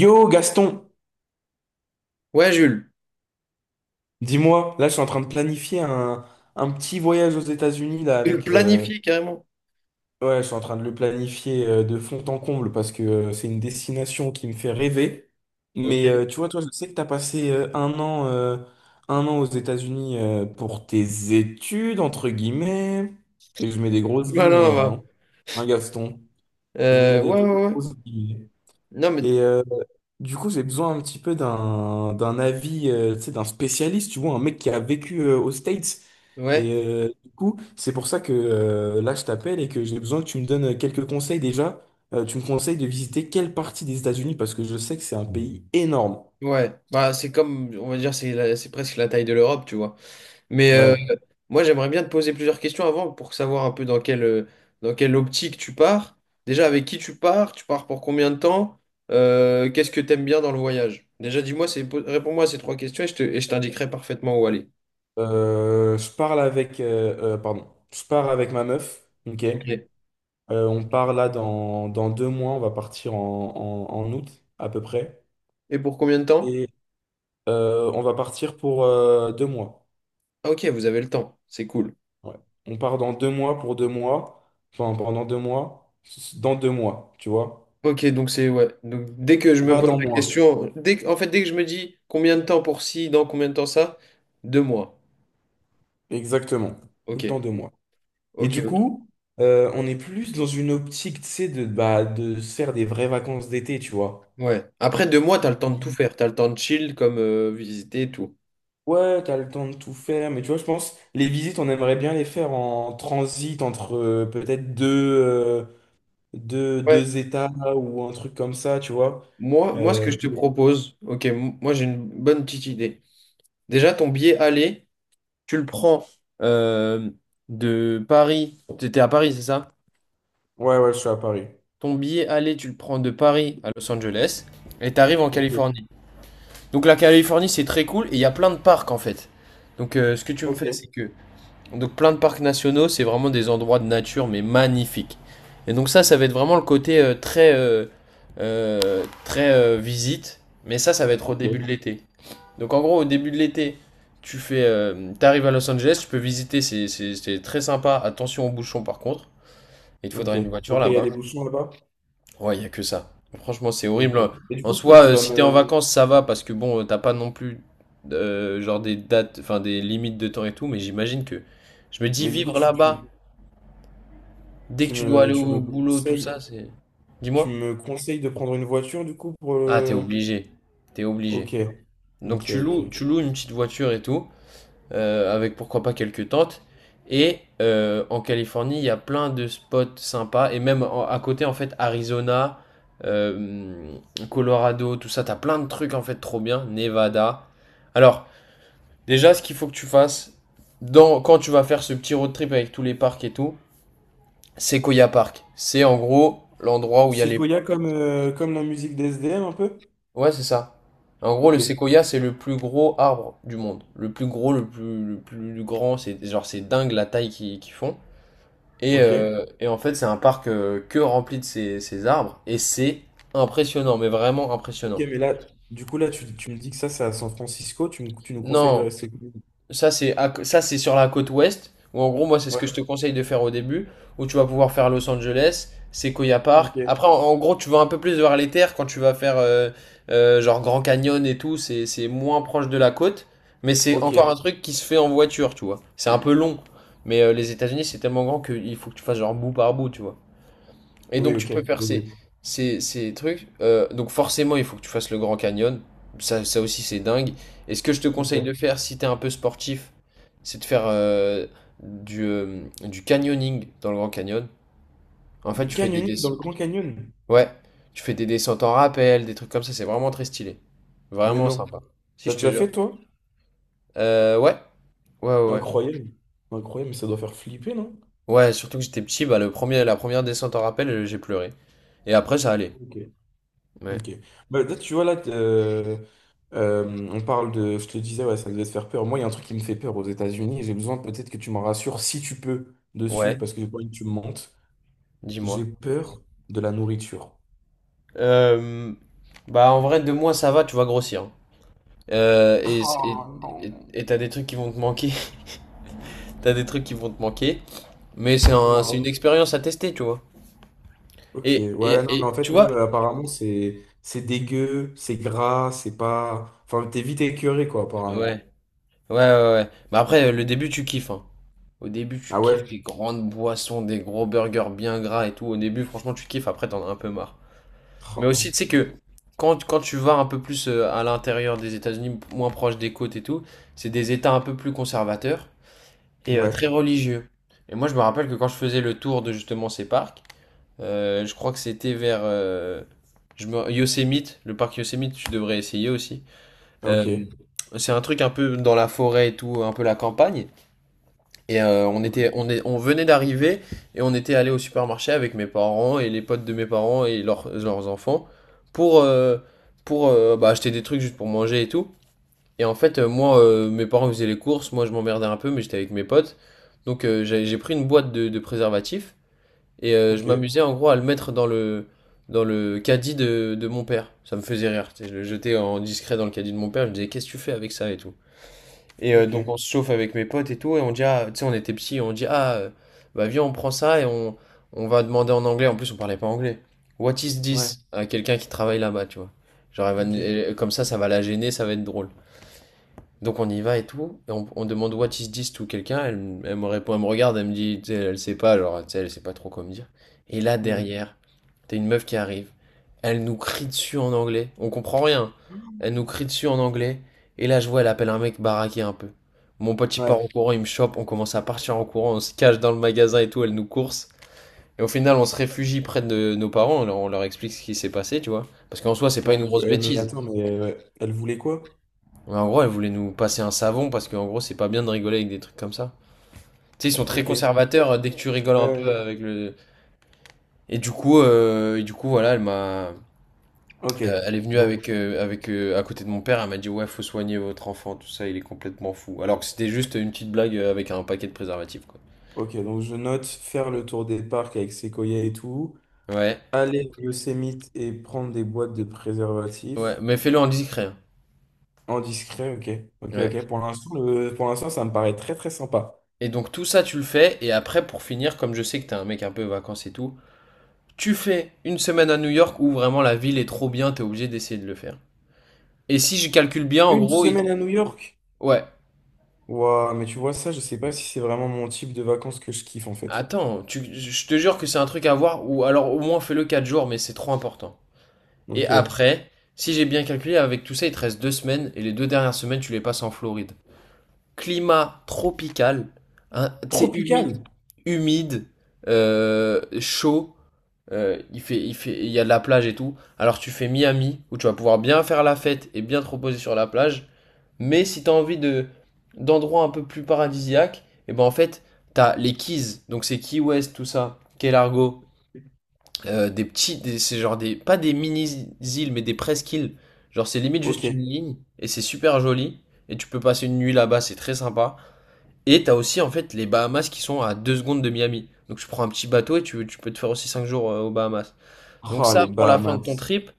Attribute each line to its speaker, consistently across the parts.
Speaker 1: Yo Gaston,
Speaker 2: Ouais, Jules,
Speaker 1: dis-moi, là je suis en train de planifier un petit voyage aux États-Unis là
Speaker 2: tu le
Speaker 1: avec
Speaker 2: planifies carrément.
Speaker 1: ouais, je suis en train de le planifier de fond en comble parce que c'est une destination qui me fait rêver. Mais
Speaker 2: Ok.
Speaker 1: tu vois, toi, je sais que tu as passé 1 an un an aux États-Unis pour tes études entre guillemets et je mets des grosses
Speaker 2: Voilà,
Speaker 1: guillemets
Speaker 2: bah.
Speaker 1: hein. Hein, Gaston, je mets
Speaker 2: Euh,
Speaker 1: des
Speaker 2: ouais,
Speaker 1: très
Speaker 2: ouais, ouais.
Speaker 1: grosses guillemets.
Speaker 2: Non, mais
Speaker 1: Et euh, Du coup, j'ai besoin un petit peu d'un avis, tu sais, d'un spécialiste, tu vois, un mec qui a vécu aux States.
Speaker 2: ouais,
Speaker 1: Et du coup, c'est pour ça que là, je t'appelle et que j'ai besoin que tu me donnes quelques conseils déjà. Tu me conseilles de visiter quelle partie des États-Unis parce que je sais que c'est un pays énorme.
Speaker 2: ouais. Bah, c'est comme, on va dire, c'est presque la taille de l'Europe, tu vois. Mais
Speaker 1: Ouais.
Speaker 2: moi, j'aimerais bien te poser plusieurs questions avant pour savoir un peu dans dans quelle optique tu pars. Déjà, avec qui tu pars pour combien de temps, qu'est-ce que tu aimes bien dans le voyage? Déjà, dis-moi, réponds-moi à ces trois questions et et je t'indiquerai parfaitement où aller.
Speaker 1: Pardon, je pars avec ma meuf. Ok.
Speaker 2: Ok.
Speaker 1: On part là dans 2 mois. On va partir en août à peu près.
Speaker 2: Et pour combien de temps?
Speaker 1: Et on va partir pour 2 mois.
Speaker 2: Ah, ok, vous avez le temps, c'est cool.
Speaker 1: Ouais. On part dans 2 mois pour 2 mois. Enfin, pendant 2 mois, dans 2 mois, tu vois.
Speaker 2: Ok, donc c'est ouais. Donc dès que je
Speaker 1: Et
Speaker 2: me
Speaker 1: pas
Speaker 2: pose
Speaker 1: dans
Speaker 2: la
Speaker 1: mois.
Speaker 2: question, dès que- en fait dès que je me dis combien de temps pour ci, dans combien de temps ça, deux mois.
Speaker 1: Exactement. Tout
Speaker 2: Ok,
Speaker 1: le temps 2 mois. Et
Speaker 2: ok,
Speaker 1: du
Speaker 2: ok.
Speaker 1: coup, on est plus dans une optique, tu sais, de, bah, de se faire des vraies vacances d'été, tu vois.
Speaker 2: Ouais. Après deux mois, t'as le temps de tout
Speaker 1: Mhm.
Speaker 2: faire, t'as le temps de chill comme visiter et tout.
Speaker 1: Ouais, t'as le temps de tout faire, mais tu vois, je pense, les visites, on aimerait bien les faire en transit entre peut-être
Speaker 2: Ouais.
Speaker 1: 2 États ou un truc comme ça, tu vois.
Speaker 2: Moi, ce que
Speaker 1: Euh,
Speaker 2: je te
Speaker 1: mais-
Speaker 2: propose, ok, moi j'ai une bonne petite idée. Déjà, ton billet aller, tu le prends euh, de Paris. T'étais à Paris, c'est ça?
Speaker 1: ouais, ouais, je suis à Paris.
Speaker 2: Ton billet aller, tu le prends de Paris à Los Angeles et t'arrives en
Speaker 1: Ok,
Speaker 2: Californie. Donc la Californie, c'est très cool et il y a plein de parcs en fait. Donc ce que tu me fais,
Speaker 1: ok.
Speaker 2: c'est que donc plein de parcs nationaux, c'est vraiment des endroits de nature mais magnifiques. Et donc ça va être vraiment le côté très très visite, mais ça va être au début de
Speaker 1: Ok.
Speaker 2: l'été. Donc en gros, au début de l'été, t'arrives à Los Angeles, tu peux visiter, c'est très sympa. Attention aux bouchons par contre, il te
Speaker 1: Ok,
Speaker 2: faudra une voiture
Speaker 1: ok, il y a
Speaker 2: là-bas.
Speaker 1: des bouchons là-bas.
Speaker 2: Ouais, il n'y a que ça. Franchement, c'est
Speaker 1: Ok.
Speaker 2: horrible.
Speaker 1: Et du
Speaker 2: En
Speaker 1: coup,
Speaker 2: soi,
Speaker 1: tu vas
Speaker 2: si t'es en
Speaker 1: me.
Speaker 2: vacances, ça va parce que t'as pas non plus genre des dates, enfin des limites de temps et tout, mais j'imagine que je me dis
Speaker 1: Mais du coup,
Speaker 2: vivre là-bas, dès que
Speaker 1: tu
Speaker 2: tu dois
Speaker 1: me,
Speaker 2: aller
Speaker 1: tu
Speaker 2: au
Speaker 1: me
Speaker 2: boulot, tout ça,
Speaker 1: conseilles,
Speaker 2: c'est.
Speaker 1: tu
Speaker 2: Dis-moi.
Speaker 1: me conseilles de prendre une voiture, du coup, pour
Speaker 2: Ah, t'es
Speaker 1: le.
Speaker 2: obligé. T'es obligé.
Speaker 1: Ok,
Speaker 2: Donc
Speaker 1: ok, ok.
Speaker 2: tu loues une petite voiture et tout. Avec pourquoi pas quelques tentes. Et en Californie, il y a plein de spots sympas. Et même à côté, en fait, Arizona, euh, Colorado, tout ça, t'as plein de trucs en fait trop bien. Nevada. Alors, déjà, ce qu'il faut que tu fasses quand tu vas faire ce petit road trip avec tous les parcs et tout, Sequoia Park. C'est en gros l'endroit où il y a
Speaker 1: C'est
Speaker 2: les.
Speaker 1: Koya comme, comme la musique des SDM un peu?
Speaker 2: Ouais, c'est ça. En gros, le
Speaker 1: Ok,
Speaker 2: séquoia, c'est le plus gros arbre du monde. Le plus gros, le plus grand. C'est genre, c'est dingue la taille qu'ils font. Et,
Speaker 1: ok.
Speaker 2: euh, et en fait, c'est un parc que rempli de ces arbres. Et c'est impressionnant, mais vraiment
Speaker 1: Ok,
Speaker 2: impressionnant.
Speaker 1: mais là, du coup, là, tu me dis que ça, c'est à San Francisco, tu nous conseilles de
Speaker 2: Non,
Speaker 1: rester. Cool.
Speaker 2: ça c'est sur la côte ouest, où en gros, moi, c'est ce
Speaker 1: Ouais,
Speaker 2: que je te conseille de faire au début, où tu vas pouvoir faire Los Angeles, Sequoia Park.
Speaker 1: ok,
Speaker 2: Après, en gros, tu vas un peu plus vers les terres quand tu vas faire genre Grand Canyon et tout. C'est moins proche de la côte, mais c'est
Speaker 1: ok.
Speaker 2: encore un truc qui se fait en voiture, tu vois. C'est un peu long, mais les États-Unis, c'est tellement grand qu'il faut que tu fasses genre bout par bout, tu vois. Et
Speaker 1: Oui,
Speaker 2: donc tu
Speaker 1: ok.
Speaker 2: peux faire
Speaker 1: Oui,
Speaker 2: ces trucs. Donc forcément, il faut que tu fasses le Grand Canyon. Ça aussi, c'est dingue. Et ce que je te
Speaker 1: oui.
Speaker 2: conseille
Speaker 1: Ok.
Speaker 2: de faire, si t'es un peu sportif, c'est de faire du canyoning dans le Grand Canyon. En fait,
Speaker 1: Du
Speaker 2: tu fais des...
Speaker 1: canyoning dans le Grand Canyon?
Speaker 2: Ouais, tu fais des descentes en rappel, des trucs comme ça. C'est vraiment très stylé.
Speaker 1: Mais
Speaker 2: Vraiment
Speaker 1: non.
Speaker 2: sympa. Si,
Speaker 1: T'as
Speaker 2: je te
Speaker 1: déjà
Speaker 2: jure.
Speaker 1: fait, toi?
Speaker 2: Euh, ouais, ouais, ouais. Ouais,
Speaker 1: Incroyable. Incroyable, mais ça doit faire flipper, non?
Speaker 2: Ouais, surtout que j'étais petit, bah, la première descente en rappel, j'ai pleuré. Et après, ça allait.
Speaker 1: Ok.
Speaker 2: Ouais,
Speaker 1: Ok. Bah, là, tu vois, on parle de. Je te disais, ouais, ça devait te faire peur. Moi, il y a un truc qui me fait peur aux États-Unis. J'ai besoin peut-être que tu m'en rassures si tu peux dessus,
Speaker 2: ouais,
Speaker 1: parce que j'ai pas envie que tu me mentes.
Speaker 2: dis-moi.
Speaker 1: J'ai peur de la nourriture.
Speaker 2: Euh, bah en vrai, deux mois ça va, tu vas grossir. Hein. Euh, et et
Speaker 1: Oh
Speaker 2: et-
Speaker 1: non,
Speaker 2: et t'as des trucs qui vont te manquer. T'as des trucs qui vont te manquer. Mais
Speaker 1: on
Speaker 2: c'est une
Speaker 1: a.
Speaker 2: expérience à tester, tu vois.
Speaker 1: Ok,
Speaker 2: Et, et,
Speaker 1: ouais, non, mais
Speaker 2: et
Speaker 1: en fait,
Speaker 2: tu
Speaker 1: même
Speaker 2: vois?
Speaker 1: apparemment, c'est dégueu, c'est gras, c'est pas. Enfin, t'es vite écœuré, quoi, apparemment.
Speaker 2: Ouais. Ouais, ouais, ouais. Mais après, le début, tu kiffes, hein. Au début, tu
Speaker 1: Ah
Speaker 2: kiffes
Speaker 1: ouais?
Speaker 2: les grandes boissons, des gros burgers bien gras et tout. Au début, franchement, tu kiffes. Après, t'en as un peu marre. Mais
Speaker 1: Oh
Speaker 2: aussi, tu sais
Speaker 1: putain.
Speaker 2: que quand tu vas un peu plus à l'intérieur des États-Unis, moins proche des côtes et tout, c'est des États un peu plus conservateurs, et très
Speaker 1: Ouais,
Speaker 2: religieux. Et moi, je me rappelle que quand je faisais le tour de justement ces parcs, je crois que c'était vers je me- Yosemite, le parc Yosemite, tu devrais essayer aussi.
Speaker 1: ah,
Speaker 2: Euh,
Speaker 1: ok.
Speaker 2: c'est un truc un peu dans la forêt et tout, un peu la campagne. Et
Speaker 1: Ouais.
Speaker 2: on venait d'arriver et on était allé au supermarché avec mes parents et les potes de mes parents et leurs enfants pour euh, pour bah, acheter des trucs juste pour manger et tout. Et en fait, mes parents faisaient les courses, moi je m'emmerdais un peu, mais j'étais avec mes potes. Donc j'ai pris une boîte de préservatifs et je
Speaker 1: Ok.
Speaker 2: m'amusais en gros à le mettre dans le caddie de mon père. Ça me faisait rire. Tu sais, je le jetais en discret dans le caddie de mon père, je me disais qu'est-ce que tu fais avec ça et tout. Et
Speaker 1: Ok,
Speaker 2: donc on se chauffe avec mes potes et tout, et on dit, ah, tu sais, on était petits, on dit, bah viens, on prend ça et on va demander en anglais. En plus, on parlait pas anglais. What is
Speaker 1: ouais,
Speaker 2: this? À quelqu'un qui travaille là-bas, tu vois. Genre, elle va nous-
Speaker 1: ok.
Speaker 2: elle- comme ça va la gêner, ça va être drôle. Donc on y va et tout, et on demande what is this to quelqu'un, elle me répond, elle me regarde, elle me dit, tu sais, elle sait pas, genre, tu sais, elle sait pas trop quoi me dire. Et là
Speaker 1: Hmm.
Speaker 2: derrière, t'as une meuf qui arrive, elle nous crie dessus en anglais, on comprend rien, elle nous crie dessus en anglais, et là je vois, elle appelle un mec baraqué un peu. Mon pote il part en
Speaker 1: Ouais,
Speaker 2: courant, il me chope, on commence à partir en courant, on se cache dans le magasin et tout, elle nous course. Et au final, on se réfugie près de nos parents, on leur explique ce qui s'est passé, tu vois. Parce qu'en soi, c'est pas
Speaker 1: mais,
Speaker 2: une grosse
Speaker 1: mais
Speaker 2: bêtise.
Speaker 1: attends, ouais. Elle voulait quoi?
Speaker 2: Ouais, en gros, elle voulait nous passer un savon parce qu'en gros, c'est pas bien de rigoler avec des trucs comme ça. Tu sais, ils sont très
Speaker 1: Ok.
Speaker 2: conservateurs dès que tu rigoles un
Speaker 1: Euh,
Speaker 2: peu avec le. Et du coup, voilà,
Speaker 1: ok,
Speaker 2: elle est venue
Speaker 1: donc,
Speaker 2: à côté de mon père. Elle m'a dit, ouais, faut soigner votre enfant, tout ça, il est complètement fou. Alors que c'était juste une petite blague avec un paquet de préservatifs, quoi.
Speaker 1: ok, donc je note faire le tour des parcs avec Sequoia et tout,
Speaker 2: Ouais,
Speaker 1: aller au Yosemite et prendre des boîtes de
Speaker 2: ouais,
Speaker 1: préservatifs
Speaker 2: mais fais-le en discret. Hein.
Speaker 1: en discret, ok, ok,
Speaker 2: Ouais.
Speaker 1: ok. Pour l'instant, pour l'instant, ça me paraît très très sympa.
Speaker 2: Et donc tout ça, tu le fais. Et après, pour finir, comme je sais que t'es un mec un peu vacances et tout, tu fais une semaine à New York où vraiment la ville est trop bien, t'es obligé d'essayer de le faire. Et si je calcule bien, en
Speaker 1: Une
Speaker 2: gros,
Speaker 1: semaine à New York?
Speaker 2: Ouais.
Speaker 1: Waouh, mais tu vois ça, je sais pas si c'est vraiment mon type de vacances que je kiffe en fait.
Speaker 2: Attends, je te jure que c'est un truc à voir, ou alors au moins fais-le 4 jours, mais c'est trop important. Et
Speaker 1: Ok.
Speaker 2: après, si j'ai bien calculé, avec tout ça, il te reste 2 semaines, et les deux dernières semaines, tu les passes en Floride. Climat tropical, hein, tu sais,
Speaker 1: Tropical?
Speaker 2: humide, chaud, il fait, il y a de la plage et tout. Alors tu fais Miami, où tu vas pouvoir bien faire la fête et bien te reposer sur la plage. Mais si t'as envie de d'endroits un peu plus paradisiaques, et ben en fait, t'as les Keys, donc c'est Key West, tout ça, Key Largo, c'est genre des, pas des mini-îles, mais des presqu'îles. Genre c'est limite juste
Speaker 1: Ok.
Speaker 2: une ligne, et c'est super joli, et tu peux passer une nuit là-bas, c'est très sympa. Et t'as aussi en fait les Bahamas qui sont à 2 secondes de Miami. Donc tu prends un petit bateau et tu peux te faire aussi 5 jours aux Bahamas. Donc
Speaker 1: Ah
Speaker 2: ça,
Speaker 1: les
Speaker 2: pour la fin de ton
Speaker 1: Bahamas.
Speaker 2: trip,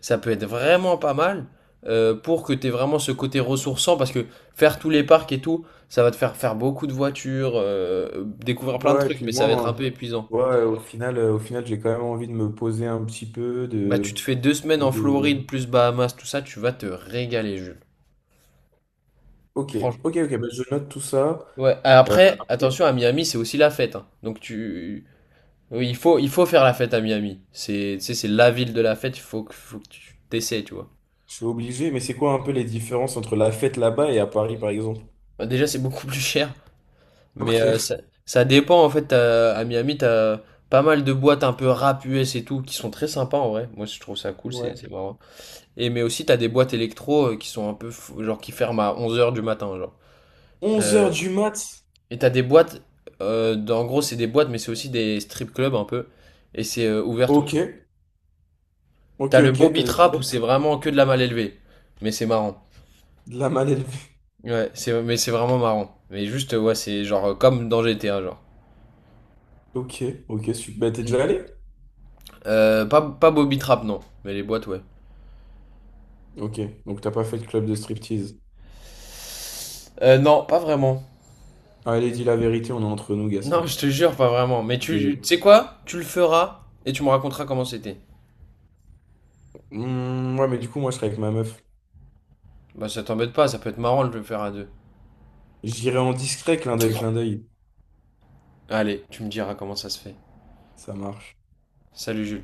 Speaker 2: ça peut être vraiment pas mal pour que tu aies vraiment ce côté ressourçant parce que faire tous les parcs et tout, ça va te faire faire beaucoup de voitures, découvrir plein de
Speaker 1: Ouais, et
Speaker 2: trucs,
Speaker 1: puis
Speaker 2: mais ça va être un
Speaker 1: moi,
Speaker 2: peu épuisant.
Speaker 1: ouais, au final, j'ai quand même envie de me poser un petit peu,
Speaker 2: Bah, tu te fais deux semaines en
Speaker 1: de-
Speaker 2: Floride plus Bahamas, tout ça, tu vas te régaler, Jules.
Speaker 1: ok,
Speaker 2: Franchement.
Speaker 1: ok, ok, bah, je note tout ça.
Speaker 2: Ouais, après,
Speaker 1: Après,
Speaker 2: attention, à Miami, c'est aussi la fête. Hein. Donc, tu. Oui, il faut faire la fête à Miami. C'est, tu sais, c'est la ville de la fête, il faut faut que tu t'essaies, tu vois.
Speaker 1: je suis obligé, mais c'est quoi un peu les différences entre la fête là-bas et à Paris, par exemple?
Speaker 2: Bah, déjà, c'est beaucoup plus cher. Mais euh,
Speaker 1: Ok,
Speaker 2: ça, ça dépend en fait. À Miami, t'as pas mal de boîtes un peu rap US et tout qui sont très sympas en vrai. Moi, je trouve ça cool,
Speaker 1: ouais.
Speaker 2: c'est marrant. Et mais aussi, t'as des boîtes électro qui sont genre qui ferment à 11 heures du matin, genre.
Speaker 1: onze
Speaker 2: Euh,
Speaker 1: heures du mat?
Speaker 2: et t'as des boîtes, en gros, c'est des boîtes, mais c'est aussi des strip clubs un peu. Et c'est ouvert tout le
Speaker 1: Ok,
Speaker 2: temps.
Speaker 1: ok,
Speaker 2: T'as le
Speaker 1: ok, t'as
Speaker 2: Bobby
Speaker 1: des
Speaker 2: Trap où c'est
Speaker 1: stress?
Speaker 2: vraiment que de la mal élevée. Mais c'est marrant.
Speaker 1: De la mal élevée.
Speaker 2: Ouais, mais c'est vraiment marrant. Mais juste, ouais, c'est genre comme dans GTA, genre.
Speaker 1: Ok, ok, super. Bah, t'es
Speaker 2: Mm.
Speaker 1: déjà allé?
Speaker 2: Pas Bobby Trap, non. Mais les boîtes, ouais.
Speaker 1: Ok, donc t'as pas fait de club de striptease.
Speaker 2: Non, pas vraiment.
Speaker 1: Allez, dis la vérité, on est entre nous,
Speaker 2: Non,
Speaker 1: Gaston.
Speaker 2: je te jure, pas vraiment. Mais tu
Speaker 1: Allez.
Speaker 2: sais quoi? Tu le feras et tu me raconteras comment c'était.
Speaker 1: Hmm, ouais, mais du coup, moi, je serais avec ma meuf.
Speaker 2: Bah, ça t'embête pas, ça peut être marrant de le faire à deux.
Speaker 1: J'irai en discret, clin d'œil, clin d'œil.
Speaker 2: Allez, tu me diras comment ça se fait.
Speaker 1: Ça marche.
Speaker 2: Salut Jules.